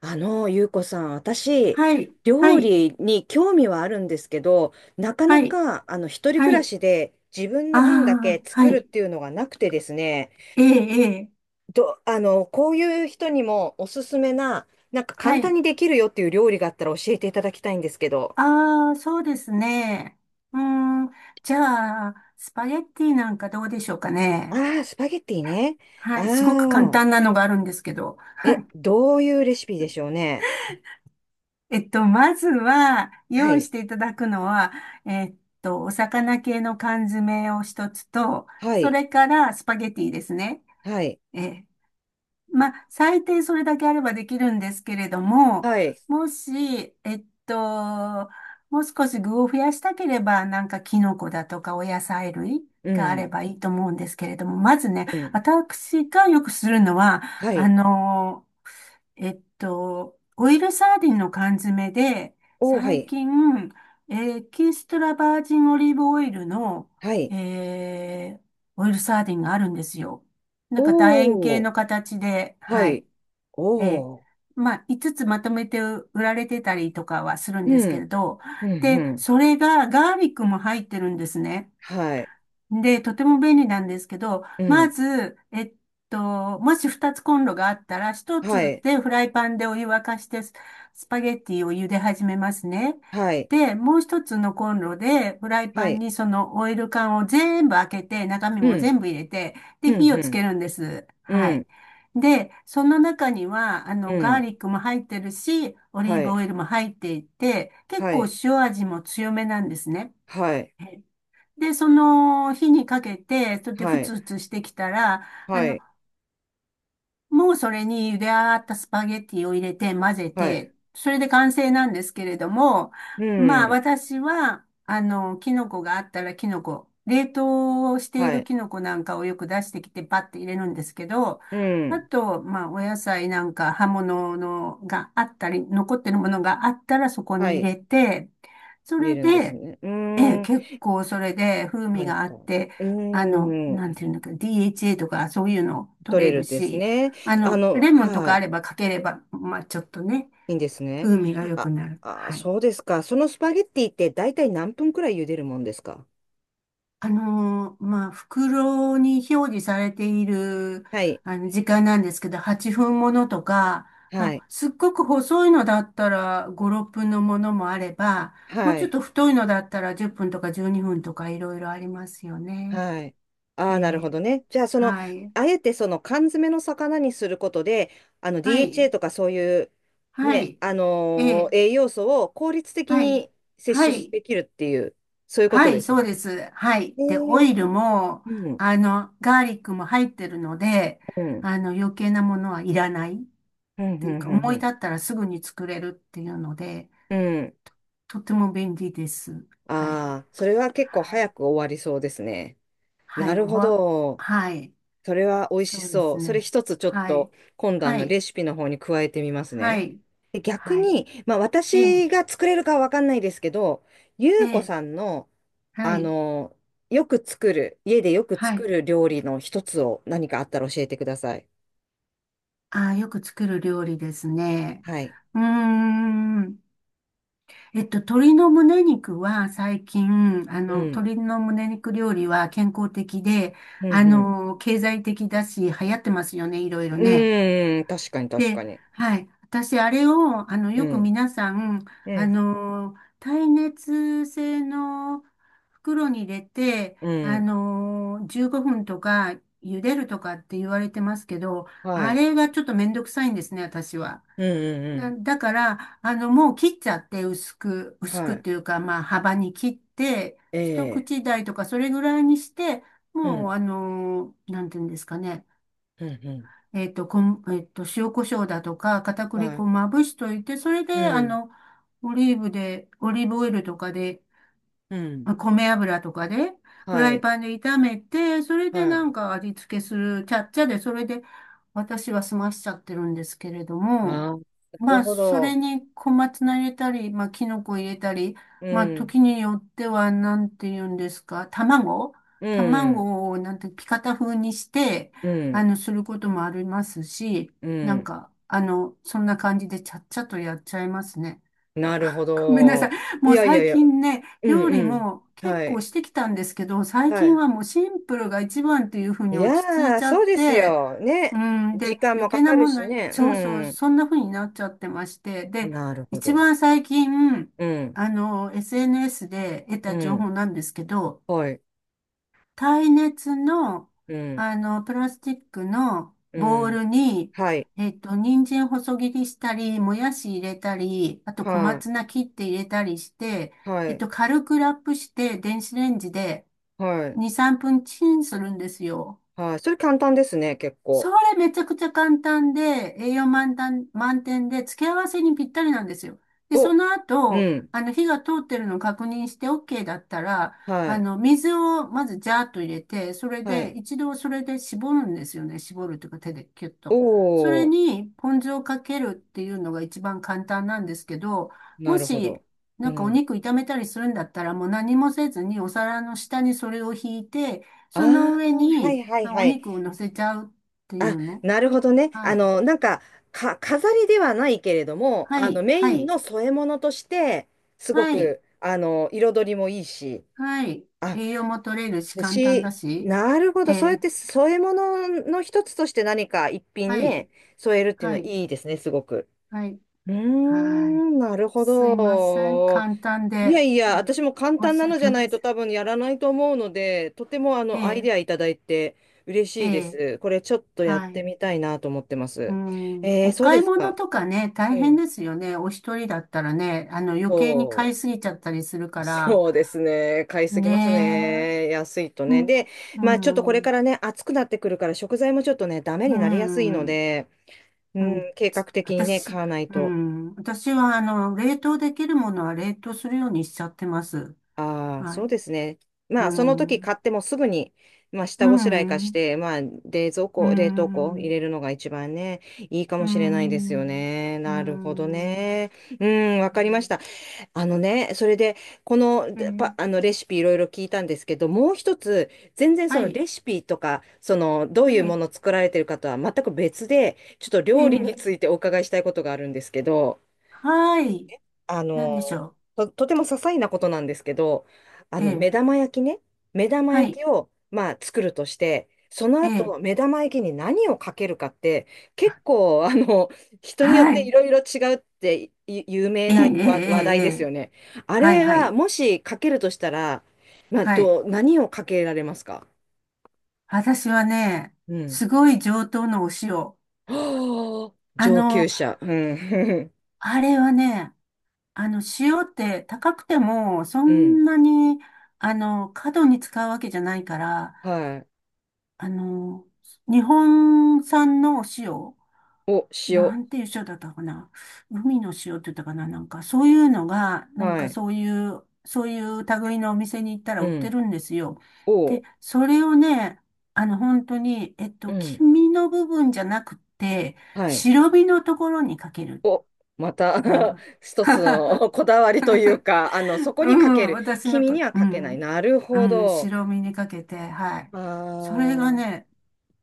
ゆうこさん、私、はい、は料い、理に興味はあるんですけど、なかなはい、か、一人は暮らい。しで自分あの分だけあ、は作るっい。ていうのがなくてですね、ええ、ええ、ど、あの、こういう人にもおすすめな、なんかは簡単い。にできるよっていう料理があったら教えていただきたいんですけど。ああ、そうですね。うーん、じゃあ、スパゲッティなんかどうでしょうかね。ああ、スパゲッティね。あはい、すごく簡あ、単なのがあるんですけど。はえ、い。どういうレシピでしょうね。まずは、は用意い、していただくのは、えっお魚系の缶詰を一つと、はそい、れからスパゲッティですね。はい、ええまあ、最低それだけあればできるんですけれども、はい、もし、もう少し具を増やしたければ、なんかキノコだとかお野菜類うがあれん、ばいいと思うんですけれども、まずね、うん、私がよくするのは、はあい、の、オイルサーディンの缶詰で、おー、は最い、近、エキストラバージンオリーブオイルの、はい、えーオイルサーディンがあるんですよ。なんか楕円形おー、の形で、ははい。い。ええおお、まあ、5つつまとめて売られてたりとかはするんうですけれん、ど、うん、うで、ん。それがガーリックも入ってるんですね。はい、で、とても便利なんですけど、うまん、ず、もし二つコンロがあったら、一はつい、でフライパンでお湯沸かしてスパゲッティを茹で始めますね。はい、で、もう一つのコンロで、フライはパンい、にそのオイル缶を全部開けて、中身うもん、全部入れて、うで、ん、火うをつん、けるんです。はうい。ん、で、その中には、あうの、ガーん、リックも入ってるし、オリーはブオい、イルも入っていて、結は構い、塩味も強めなんですね。はい、で、その火にかけて、それでふはい、つふつしてきたら、あはの、い、もうそれに茹で上がったスパゲッティを入れて混ぜはい、て、それで完成なんですけれども、うまあん、私は、あの、キノコがあったらキノコ、冷凍していはるい、キノコなんかをよく出してきてパッて入れるんですけど、うあん。と、まあお野菜なんか葉物のがあったり、残ってるものがあったらそこはに入い、れて、そ入れれるんですで、ね。うえーえ、ん、結構それで風味簡があっ単。て、うーあの、なんん、ていうんだっけ、DHA とかそういうの取取れれるるですし、ね。あの、レモンとはかあい、ればかければ、まあちょっとね、いいんですね。風味が良くあ、なる。あ、はい。そうですか。そのスパゲッティって大体何分くらい茹でるもんですか？まあ袋に表示されている、はい、あの、時間なんですけど、8分ものとか、まはい、あ、すっごく細いのだったら5、6分のものもあれば、もうはちょっい。と太いのだったら10分とか12分とかいろいろありますよね。はい。あえあ、なるほえ。どね。じゃあ、その、はい。あえてその缶詰の魚にすることで、はい、DHA とかそういう、はね、い、ええ、栄養素を効率的はい、に摂は取い、できるっていう、そういうこはとでい、すそうでね。す。はい。えで、オー、イルも、うん、あの、ガーリックも入ってるので、うん、うん、あの、余計なものはいらないっうん、うていうか、ん、思うい立ん。ったらすぐに作れるっていうので、うん。とても便利です。はい、ああ、それは結構はい、早く終わりそうですね。はない、るほど。はい、それは美味しそうでそすう。それね。一つちょっはい、と今度あはのい、レシピの方に加えてみますはね。い、で逆はい、に、まあええ、私が作れるかはわかんないですけど、ゆえうこえ、さんの、はあい、の、よく作る、家でよくは作い。る料理の一つを何かあったら教えてください。ああ、よく作る料理ですね。はい。うーん。鶏の胸肉は最近、あの、うん。鶏の胸肉料理は健康的で、うん、あうん。の、経済的だし、流行ってますよね、いろいうろね。ーん、確かに確かで、に。はい。私、あれを、あの、うよくん。皆さん、うあん。の、耐熱性の袋に入れて、うあん。の、15分とか、茹でるとかって言われてますけど、はあい。れがちょっとめんどくさいんですね、私は。うん、うん、うあん。だから、あの、もう切っちゃって、薄はくっい。ていうか、まあ、幅に切って、え一え。口大とか、それぐらいにして、うもう、ん。あの、なんていうんですかね、うん、うん。えっと、こん、えっと、塩コショウだとか、片栗は粉い。をまぶしといて、それうで、あん。の、オリーブオイルとかでうん。まあ米油とかで、フはライい。パンで炒めて、それではない。んか味付けする、ちゃっちゃで、それで私は済ましちゃってるんですけれどあも、あ、なまるあ、ほそれど。に小松菜入れたり、まあ、キノコ入れたり、うまあ、ん、時によっては、なんて言うんですか、うん、卵を、なんて、ピカタ風にして、うあん、の、することもありますし、うなんん。か、あの、そんな感じでちゃっちゃとやっちゃいますね。なるほごめんなさい。ど。いもうやいや最いや、近ね、うん、料理うん。も結は構い、してきたんですけど、最は近い。はもうシンプルが一番っていうふういに落ち着いやー、ちゃそっうですて、よ。うね。ん、時で、間余もか計なかるもの、しそうそう、ね。そんな風になっちゃってまして、うん。で、なるほ一ど。番最近、うん、あの、SNS で得うた情報ん。なんですけど、はい。耐熱の、うん、あの、プラスチックのうボウん。ルに、はい、人参細切りしたり、もやし入れたり、あと小は松菜切って入れたりして、い、はい、軽くラップして、電子レンジではい、2、3分チンするんですよ。はい。それ簡単ですね、結構。それめちゃくちゃ簡単で、栄養満タン満点で、付け合わせにぴったりなんですよ。で、そお、のう後、ん。あの、火が通ってるのを確認して OK だったら、はあい、の、水をまずジャーッと入れて、それはで、い。一度それで絞るんですよね。絞るというか手でキュッと。それおー、に、ポン酢をかけるっていうのが一番簡単なんですけど、なもるほし、ど。うなんかおん。肉炒めたりするんだったら、もう何もせずにお皿の下にそれを引いて、あそのあ、上はいにはいあはおい。肉を乗せちゃうていあ、うのなるほどね。はい。なんか、飾りではないけれども、はい。メイはンい。の添え物として、すごはい。く、彩りもいいし。はい。あ、栄養も取れるし、で簡単だし、し。なるほえど。そうやっーて添え物の一つとして何か一品はい。ね、添えるっていうのははい。いいですね、すごく。はい。うーはい。ん、なるほすいません。ど。簡単いやで、いや、うん私も簡申単しなのじ訳あゃりなまいとせん。多分やらないと思うので、とてもあのアイえデアいただいて嬉ーしいでえーす。これちょっとやっはてい。みたいなと思ってまうす。ん。えー、おそう買でいす物か。とかね、う大変ん。ですよね。お一人だったらね、あの、余計に買そいすぎちゃったりするかう。ら。そうですね。買いすぎますねえ。ね。安いとうね。ん。で、うまあちょっとこれん。からね、暑くなってくるから食材もちょっとね、ダメうになりやすいのん。で、うん、計画的にね、私、買わないうと。ん、私は、あの、冷凍できるものは冷凍するようにしちゃってます。ああ、はそうい。ですね。うまあ、その時ん、買ってもすぐに、まあ、う下ごしらえ化しん、て、まあ、冷蔵う庫、冷凍庫入ん、れるのが一番ね、いいかうもしれないですよん、ね。うなるほどん。ね。うん、わかりました。あのね、それで、この、えでー、パ、あの、レシピいろいろ聞いたんですけど、もう一つ、全然そはのい、レシピとか、その、どういうはもい、の作られてるかとは全く別で、ちょっとえ料理ー、についてお伺いしたいことがあるんですけど、はい、あなんでしの、ょとても些細なことなんですけど、う。え目ー、玉焼きね、目玉は焼い、きを、まあ、作るとして、そのえー、後、目玉焼きに何をかけるかって、結構、人によっはていい、ろいろ違うってい有名えー、えなー、話題ですよえー、ね。あはい、れはは、い、もしかけるとしたら、まあ、はい。何をかけられますか？私はね、うん。すごい上等のお塩。はあ、あ上級の、者。うん。あれはね、あの、塩って高くても、そ うん。んなに、あの、過度に使うわけじゃないから、はい。あの、日本産のお塩、お、塩。なんていう塩だったかな。海の塩って言ったかな。なんか、そういうのが、なんはかい。そういう、そういう類のお店に行ったらう売ってん。るんですよ。おで、う。それをね、あの、本当に、うん。黄身の部分じゃなくて、はい。白身のところにかける。お、また あ一つあ の こだわりというか、そ こうにかけん、る。私の君こ、にはうかけない。ん、なるほうん、ど。白身にかけて、はい。あそれがあ、ね、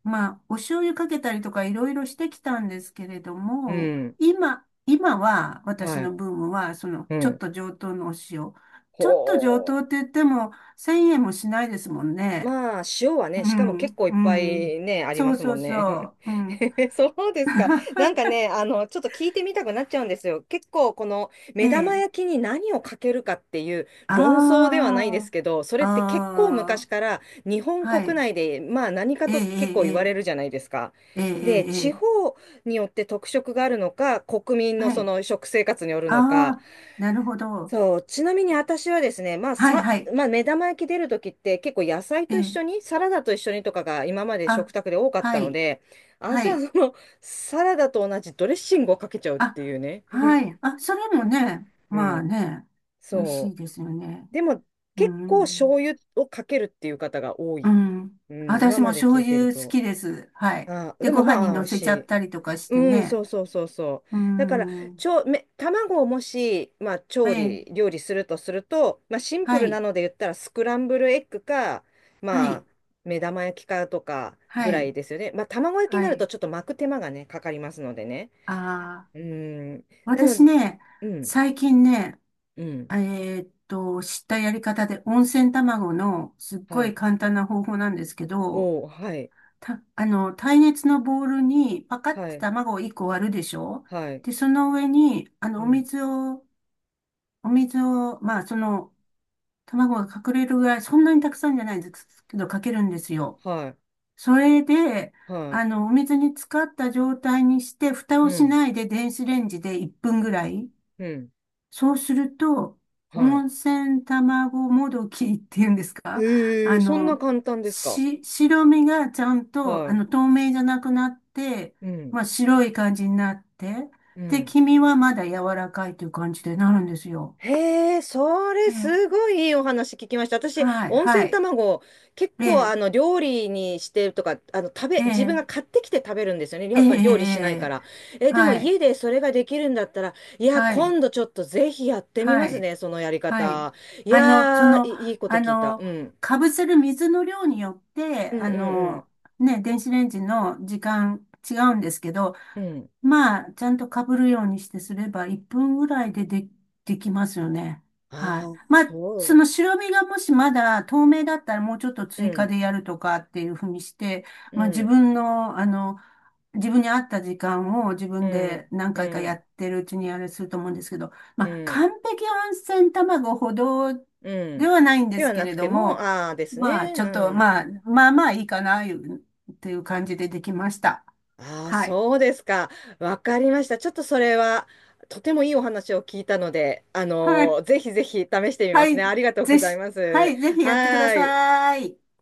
まあ、お醤油かけたりとかいろいろしてきたんですけれどうも、ん。今は、私はのい。ブームは、その、うちょっん。と上等のお塩。ちょっと上等ほっう。て言っても、1000円もしないですもんね。まあ、塩はうね、しかも結ん、構いっうぱん。いね、ありそまうすそもうんね。そう、うん。そうですか。なんか ね、ちょっと聞いてみたくなっちゃうんですよ。結構、このえ目玉え。焼きに何をかけるかっていう論争ではないであすけど、そあ、れって結構昔ああ、から日本は国い。内で、まあ何かええ、えと結構言われえ、るじゃないですか。ええ、えで、え、え地え。方によって特色があるのか、国民のはそい。の食生活によるのか、ああ、なるほど。そう、ちなみに私はですね、まあはい、さ、はい。まあ、目玉焼き出るときって結構野菜えと一え、緒に、サラダと一緒にとかが今まで食あ、卓で多かっはたのい、で、私ははい。そのサラダと同じドレッシングをかけちゃうっあ、ていうね。はい。あ、それもね、うまあん、ね、美味しそいですよね。う。でもう結構ん。醤油をかけるっていう方が多うい。ん。うん、今私もまで醤聞いて油る好と。きです。はい。あ、で、でごも飯にまあ美乗味せしちゃっい。たりとかしうてん、そね。うそうそうそう。うだから、ん。ちょ、め、卵をもし、まあ、え調理、え、料理するとすると、まあ、シンプはルない、ので言ったら、スクランブルエッグか、はまあ、い、目玉焼きかとかぐはらいい、ですよね。まあ、卵焼きにはなると、い。ちょっと巻く手間がね、かかりますのでね。ああ、うん。なの私で、ね、うん、最近ね、うん、え知ったやり方で、温泉卵のすっごはいい。簡単な方法なんですけど、おお、はい、た、あの、耐熱のボウルにパカっはてい、卵を1個割るでしょはい、で、その上に、あうの、ん、お水を、まあ、その、卵が隠れるぐらい、そんなにたくさんじゃないですけど、かけるんですよ。はい、それで、はあい、の、お水に浸かった状態にして、蓋うをしん、ないで電子レンジで1分ぐらい。うん、そうすると、は温泉卵もどきっていうんですい。かえあー、そんなの、簡単ですか。白身がちゃんと、あはの、透明じゃなくなって、い、うん、まあ、白い感じになって、うで、ん。黄身はまだ柔らかいという感じでなるんですよ。へえ、それええ、すごいいいお話聞きました。私、はい、温は泉い。卵、結え構あえ、の料理にしてとか、あの食べ、え自分え、が買ってきて食べるんですよね。やええ、っえぱ料理しないかえ、ええら。え、でもはい、家でそれができるんだったら、いや、はい、今度ちょっとぜひやってみまはすい。ね、そのやりはい。方。いあの、そやー、の、いいいことあ聞いた。の、うん。かぶせる水の量によって、うんあうんの、ね、電子レンジの時間違うんですけど、うん。うん。まあ、ちゃんとかぶるようにしてすれば、1分ぐらいでで、できますよね。はあい。あ、まあ、そその白身がもしまだ透明だったら、もうちょっとう。う追加ん。でやるとかっていうふうにして、うまあ、自ん。分の、あの、自分に合った時間を自う分でん。何う回かやん。ってるうちにあれすると思うんですけど、まうあ、ん。完璧温泉卵ほどうでん。はないんでですはけなくれどても、も、ああですまあ、ね。ちうょっと、ん。まあ、まあまあいいかな、いうっていう感じでできました。ああ、はい。そうですか。わかりました。ちょっとそれは、とてもいいお話を聞いたので、はい。ぜひぜひ試してみまはすね。い。ありがとうごぜざいひ、まはす。い。ぜひはやってくだーい。さい。